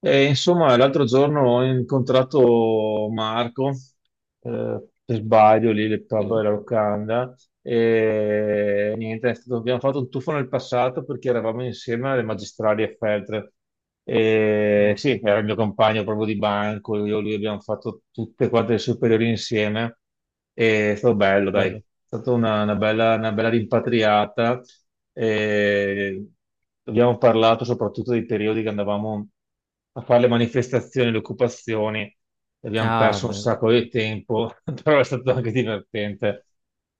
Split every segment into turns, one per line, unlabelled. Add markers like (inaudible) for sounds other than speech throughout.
E, insomma, l'altro giorno ho incontrato Marco, per sbaglio lì nel pub
Sì.
della locanda, e niente, abbiamo fatto un tuffo nel passato perché eravamo insieme alle magistrali a Feltre. E
Ah,
sì, era il mio compagno proprio di banco, io e lui abbiamo fatto tutte quante le superiori insieme. È stato bello, dai, è
bello.
stata una bella rimpatriata. E abbiamo parlato soprattutto dei periodi che andavamo a fare le manifestazioni, le occupazioni, e abbiamo
Ah,
perso un
bello.
sacco di tempo, (laughs) però è stato anche divertente.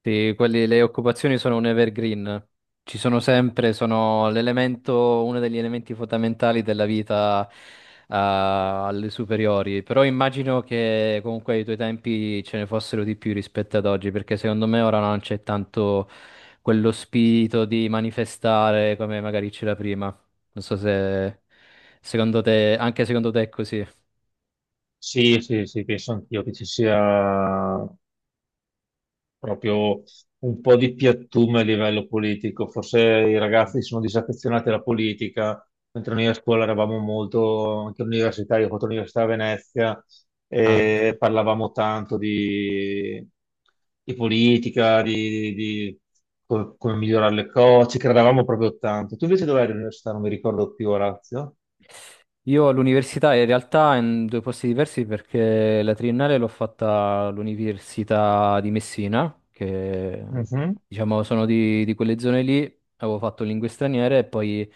Sì, le occupazioni sono un evergreen. Ci sono sempre, sono l'elemento, uno degli elementi fondamentali della vita, alle superiori. Però immagino che comunque ai tuoi tempi ce ne fossero di più rispetto ad oggi, perché secondo me ora non c'è tanto quello spirito di manifestare come magari c'era prima. Non so se secondo te, anche secondo te è così.
Sì, sì, sì, penso anch'io che ci sia proprio un po' di piattume a livello politico. Forse i
Mm.
ragazzi sono disaffezionati alla politica, mentre noi a scuola eravamo molto, anche all'università, io ho fatto l'università a Venezia
Ah.
e parlavamo tanto di politica, di come migliorare le cose, ci credevamo proprio tanto. Tu invece dove eri all'università? Non mi ricordo più, Orazio.
Io all'università in realtà in due posti diversi perché la triennale l'ho fatta all'Università di Messina, che
Mhm.
diciamo sono di quelle zone lì, avevo fatto lingue straniere e poi in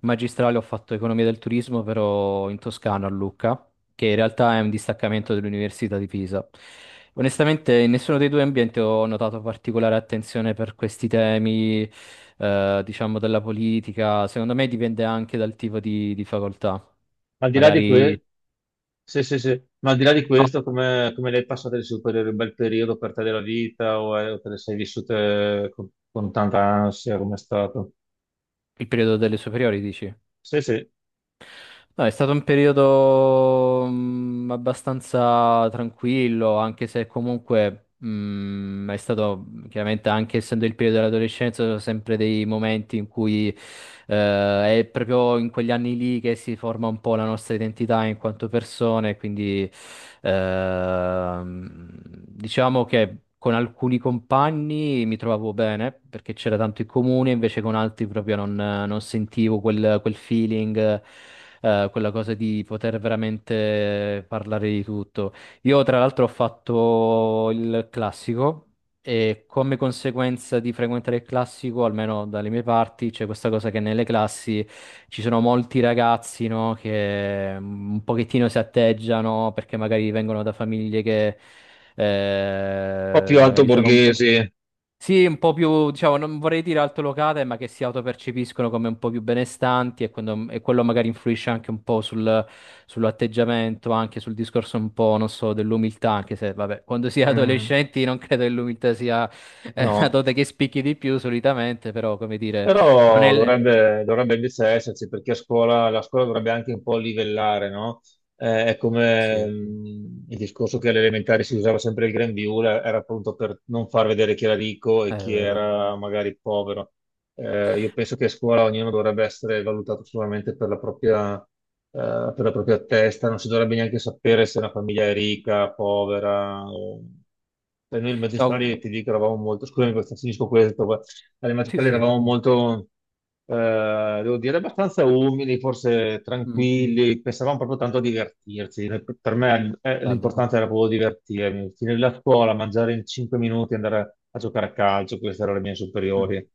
magistrale ho fatto economia del turismo però in Toscana a Lucca, che in realtà è un distaccamento dell'Università di Pisa. Onestamente in nessuno dei due ambienti ho notato particolare attenzione per questi temi, diciamo della politica, secondo me dipende anche dal tipo di facoltà.
Al di là di
Magari
questo, sì, sì, sì, ma al di là di questo, come, come le hai passate le superiori? Un bel periodo per te della vita o te le sei vissute con tanta ansia? Come è stato?
il periodo delle superiori, dici?
Sì, sì, un
No, è stato un periodo abbastanza tranquillo, anche se comunque è stato, chiaramente anche essendo il periodo dell'adolescenza, sono sempre dei momenti in cui è proprio in quegli anni lì che si forma un po' la nostra identità in quanto persone, quindi diciamo che con alcuni compagni mi trovavo bene perché c'era tanto in comune, invece con altri proprio non sentivo quel feeling, quella cosa di poter veramente parlare di tutto. Io tra l'altro ho fatto il classico. E come conseguenza di frequentare il classico, almeno dalle mie parti, c'è questa cosa che nelle classi ci sono molti ragazzi, no, che un pochettino si atteggiano perché magari vengono da famiglie che
po' più alto
magari sono un po'...
borghesi.
Sì, un po' più, diciamo, non vorrei dire altolocate, ma che si autopercepiscono come un po' più benestanti e quello magari influisce anche un po' sul, sull'atteggiamento, anche sul discorso un po', non so, dell'umiltà, anche se, vabbè, quando si è
Mm.
adolescenti non credo che l'umiltà sia una
No.
dote che spicchi di più solitamente, però, come dire, non
Però
è...
dovrebbe, dovrebbe invece esserci, perché a scuola, la scuola dovrebbe anche un po' livellare, no? È
Sì,
come
è
il discorso che alle elementari si usava sempre il grembiule, era appunto per non far vedere chi era ricco e chi
vero.
era magari povero. Io penso che a scuola ognuno dovrebbe essere valutato solamente per la propria testa, non si dovrebbe neanche sapere se una famiglia è ricca, povera. Per noi i
No,
magistrali, ti dico, eravamo molto, scusami, finisco questo, alle
sì,
magistrali
sì, sì.
eravamo molto, devo dire, abbastanza umili, forse
mm,
tranquilli, pensavamo proprio tanto a divertirci. Per me
Bello.
l'importante era proprio divertirmi, finire la scuola, mangiare in 5 minuti, andare a giocare a calcio, queste erano le mie
Mm.
superiori.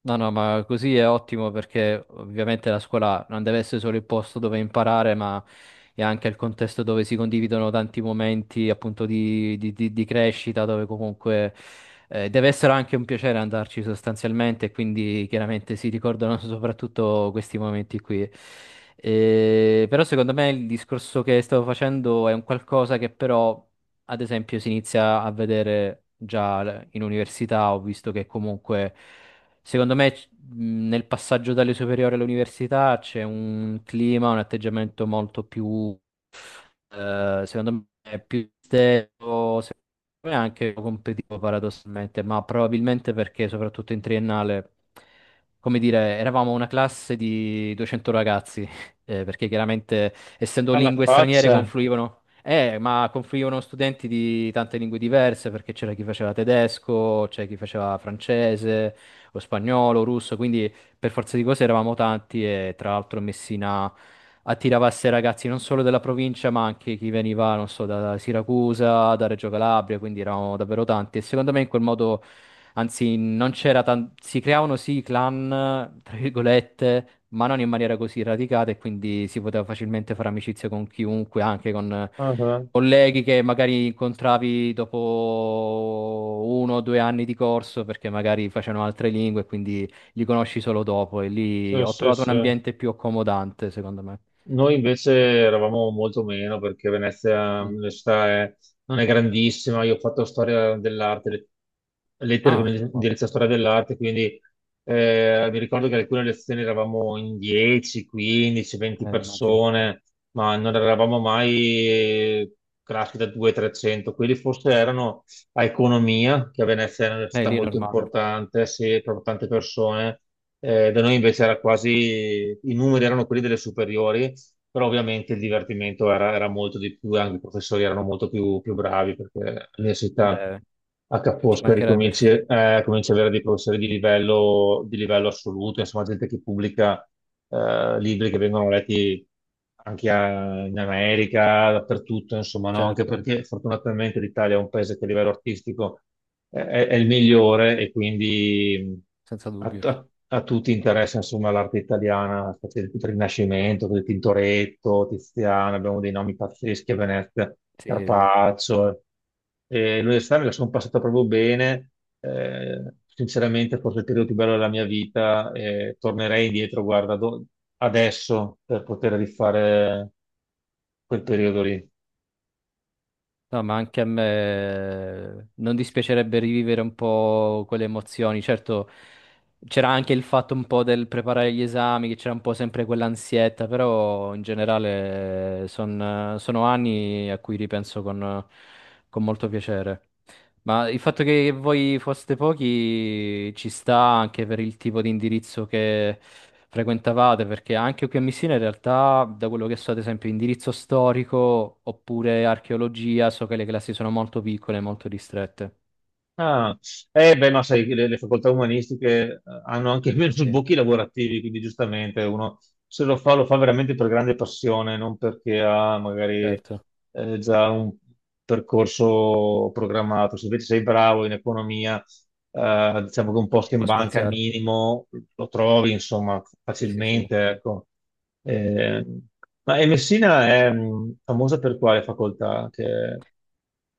No, no, ma così è ottimo perché ovviamente la scuola non deve essere solo il posto dove imparare, ma è anche il contesto dove si condividono tanti momenti appunto di, di crescita, dove comunque deve essere anche un piacere andarci sostanzialmente, e quindi chiaramente si ricordano (laughs) soprattutto questi momenti qui. Però secondo me il discorso che stavo facendo è un qualcosa che però, ad esempio, si inizia a vedere già in università, ho visto che comunque... Secondo me nel passaggio dalle superiori all'università c'è un clima, un atteggiamento molto più secondo me è più stelo, secondo me anche competitivo paradossalmente, ma probabilmente perché soprattutto in triennale, come dire, eravamo una classe di 200 ragazzi, (laughs) perché chiaramente essendo
Alla
lingue straniere
faccia.
confluivano, ma confluivano studenti di tante lingue diverse, perché c'era chi faceva tedesco, c'è chi faceva francese, o spagnolo, russo, quindi per forza di cose eravamo tanti e tra l'altro Messina attirava a sé ragazzi non solo della provincia, ma anche chi veniva, non so, da Siracusa, da Reggio Calabria, quindi eravamo davvero tanti e secondo me in quel modo anzi non si creavano sì i clan, tra virgolette, ma non in maniera così radicata e quindi si poteva facilmente fare amicizia con chiunque, anche con
Ah, ah.
colleghi che magari incontravi dopo uno o due anni di corso perché magari facevano altre lingue, quindi li conosci solo dopo e lì
Sì,
ho
sì,
trovato un
sì.
ambiente più accomodante, secondo me.
Noi invece eravamo molto meno perché Venezia,
Mm.
non è grandissima. Io ho fatto storia dell'arte, lettere con
Ah, wow.
indirizzo a storia dell'arte, quindi mi ricordo che alcune lezioni eravamo in 10, 15, 20
Immagino.
persone, ma non eravamo mai classi da 200-300. Quelli forse erano a economia, che a Venezia è un'università
Lì è
molto
normale.
importante, sì, per tante persone. Da noi invece era quasi, i numeri erano quelli delle superiori però ovviamente il
Mhm.
divertimento era, era molto di più, e anche i professori erano molto più, più bravi perché all'università
Beh,
a Ca'
ci
Foscari
mancherebbe,
cominci,
(laughs)
cominci ad avere dei professori di livello assoluto, insomma gente che pubblica libri che vengono letti in America, dappertutto, insomma, no? Anche
certo,
perché fortunatamente l'Italia è un paese che a livello artistico è, è il migliore e quindi...
senza
A,
dubbio.
a- a tutti interessa insomma l'arte italiana, specie del Rinascimento, del Tintoretto, Tiziano, abbiamo dei nomi pazzeschi a Venezia,
Sì, sì.
Carpaccio. E l'università me la sono passata proprio bene, sinceramente forse il periodo più bello della mia vita, e tornerei indietro, guarda, adesso per poter rifare quel periodo lì.
No, ma anche a me non dispiacerebbe rivivere un po' quelle emozioni. Certo, c'era anche il fatto un po' del preparare gli esami, che c'era un po' sempre quell'ansietta, però in generale sono anni a cui ripenso con molto piacere. Ma il fatto che voi foste pochi ci sta anche per il tipo di indirizzo che frequentavate, perché anche qui a Messina in realtà, da quello che so, ad esempio, indirizzo storico oppure archeologia, so che le classi sono molto piccole, molto ristrette.
Ah, eh beh, ma sai, le facoltà umanistiche hanno anche (laughs) meno
Sì.
sbocchi lavorativi, quindi giustamente uno se lo fa, lo fa veramente per grande passione, non perché ha magari
Certo,
già un percorso programmato. Se invece sei bravo in economia, diciamo che un posto
si
in
può
banca al
spaziare.
minimo lo trovi, insomma,
Sì, sì, sì.
facilmente, ecco. Eh, ma e Messina è famosa per quale facoltà che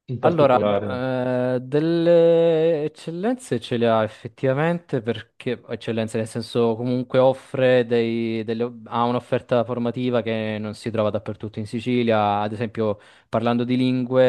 in
Allora,
particolare?
delle eccellenze ce le ha effettivamente perché, eccellenze nel senso comunque offre dei, ha un'offerta formativa che non si trova dappertutto in Sicilia, ad esempio parlando di lingue,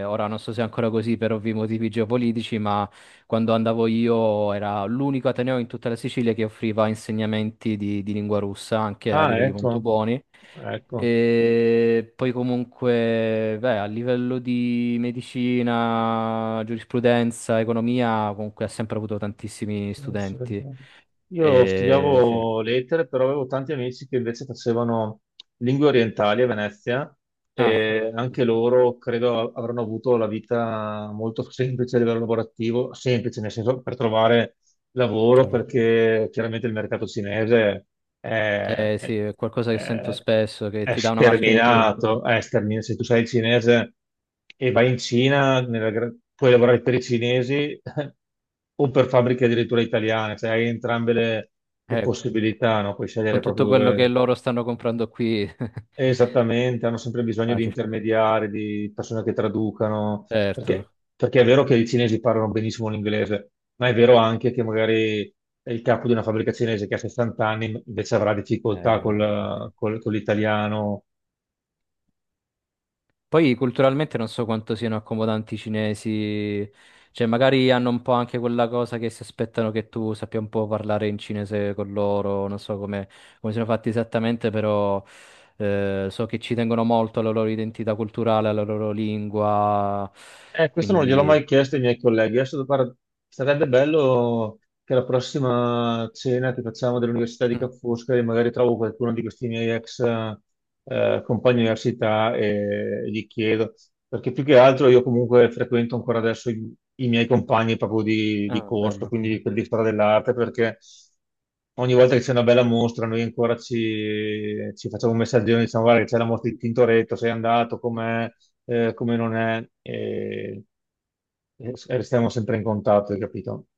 ora non so se è ancora così per ovvi motivi geopolitici, ma quando andavo io era l'unico ateneo in tutta la Sicilia che offriva insegnamenti di lingua russa anche a
Ah,
livelli molto
ecco.
buoni.
Ecco,
E poi comunque, beh, a livello di medicina, giurisprudenza, economia, comunque ha sempre avuto tantissimi
sì, sì.
studenti.
Io
E, sì.
studiavo lettere, però avevo tanti amici che invece facevano lingue orientali a Venezia
Ah,
e
sì,
anche loro credo avranno avuto la vita molto semplice a livello lavorativo, semplice nel senso per trovare lavoro
chiaro.
perché chiaramente il mercato cinese è,
Sì, è qualcosa che sento
è-
spesso, che
è
ti dà una marcia in più.
sterminato, è sterminato. Se tu sei cinese e vai in Cina, puoi lavorare per i cinesi (laughs) o per fabbriche addirittura italiane, cioè hai entrambe le
Eh,
possibilità, no? Puoi scegliere
con
proprio
tutto quello che
dove,
loro stanno comprando qui. (laughs)
esattamente, hanno sempre bisogno di
Facile.
intermediari, di persone che traducano,
Certo.
perché è vero che i cinesi parlano benissimo l'inglese, ma è vero anche che magari è il capo di una fabbrica cinese che ha 60 anni invece avrà
Eh,
difficoltà
infatti.
con l'italiano.
Poi culturalmente non so quanto siano accomodanti i cinesi, cioè magari hanno un po' anche quella cosa che si aspettano che tu sappia un po' parlare in cinese con loro, non so come, come siano fatti esattamente, però so che ci tengono molto alla loro identità culturale, alla loro lingua,
Questo non gliel'ho
quindi...
mai chiesto ai miei colleghi. Adesso, guarda, sarebbe bello che la prossima cena che facciamo dell'Università di Ca'
(clears throat)
Foscari, magari trovo qualcuno di questi miei ex compagni di università e gli chiedo, perché più che altro io comunque frequento ancora adesso i miei compagni proprio
Mm,
di
ah,
corso,
bello.
quindi quelli di storia dell'arte, perché ogni volta che c'è una bella mostra noi ancora ci, ci facciamo un messaggio, diciamo, guarda che c'è la mostra di Tintoretto, sei andato, com'è? Eh, come non è, e restiamo sempre in contatto, hai capito?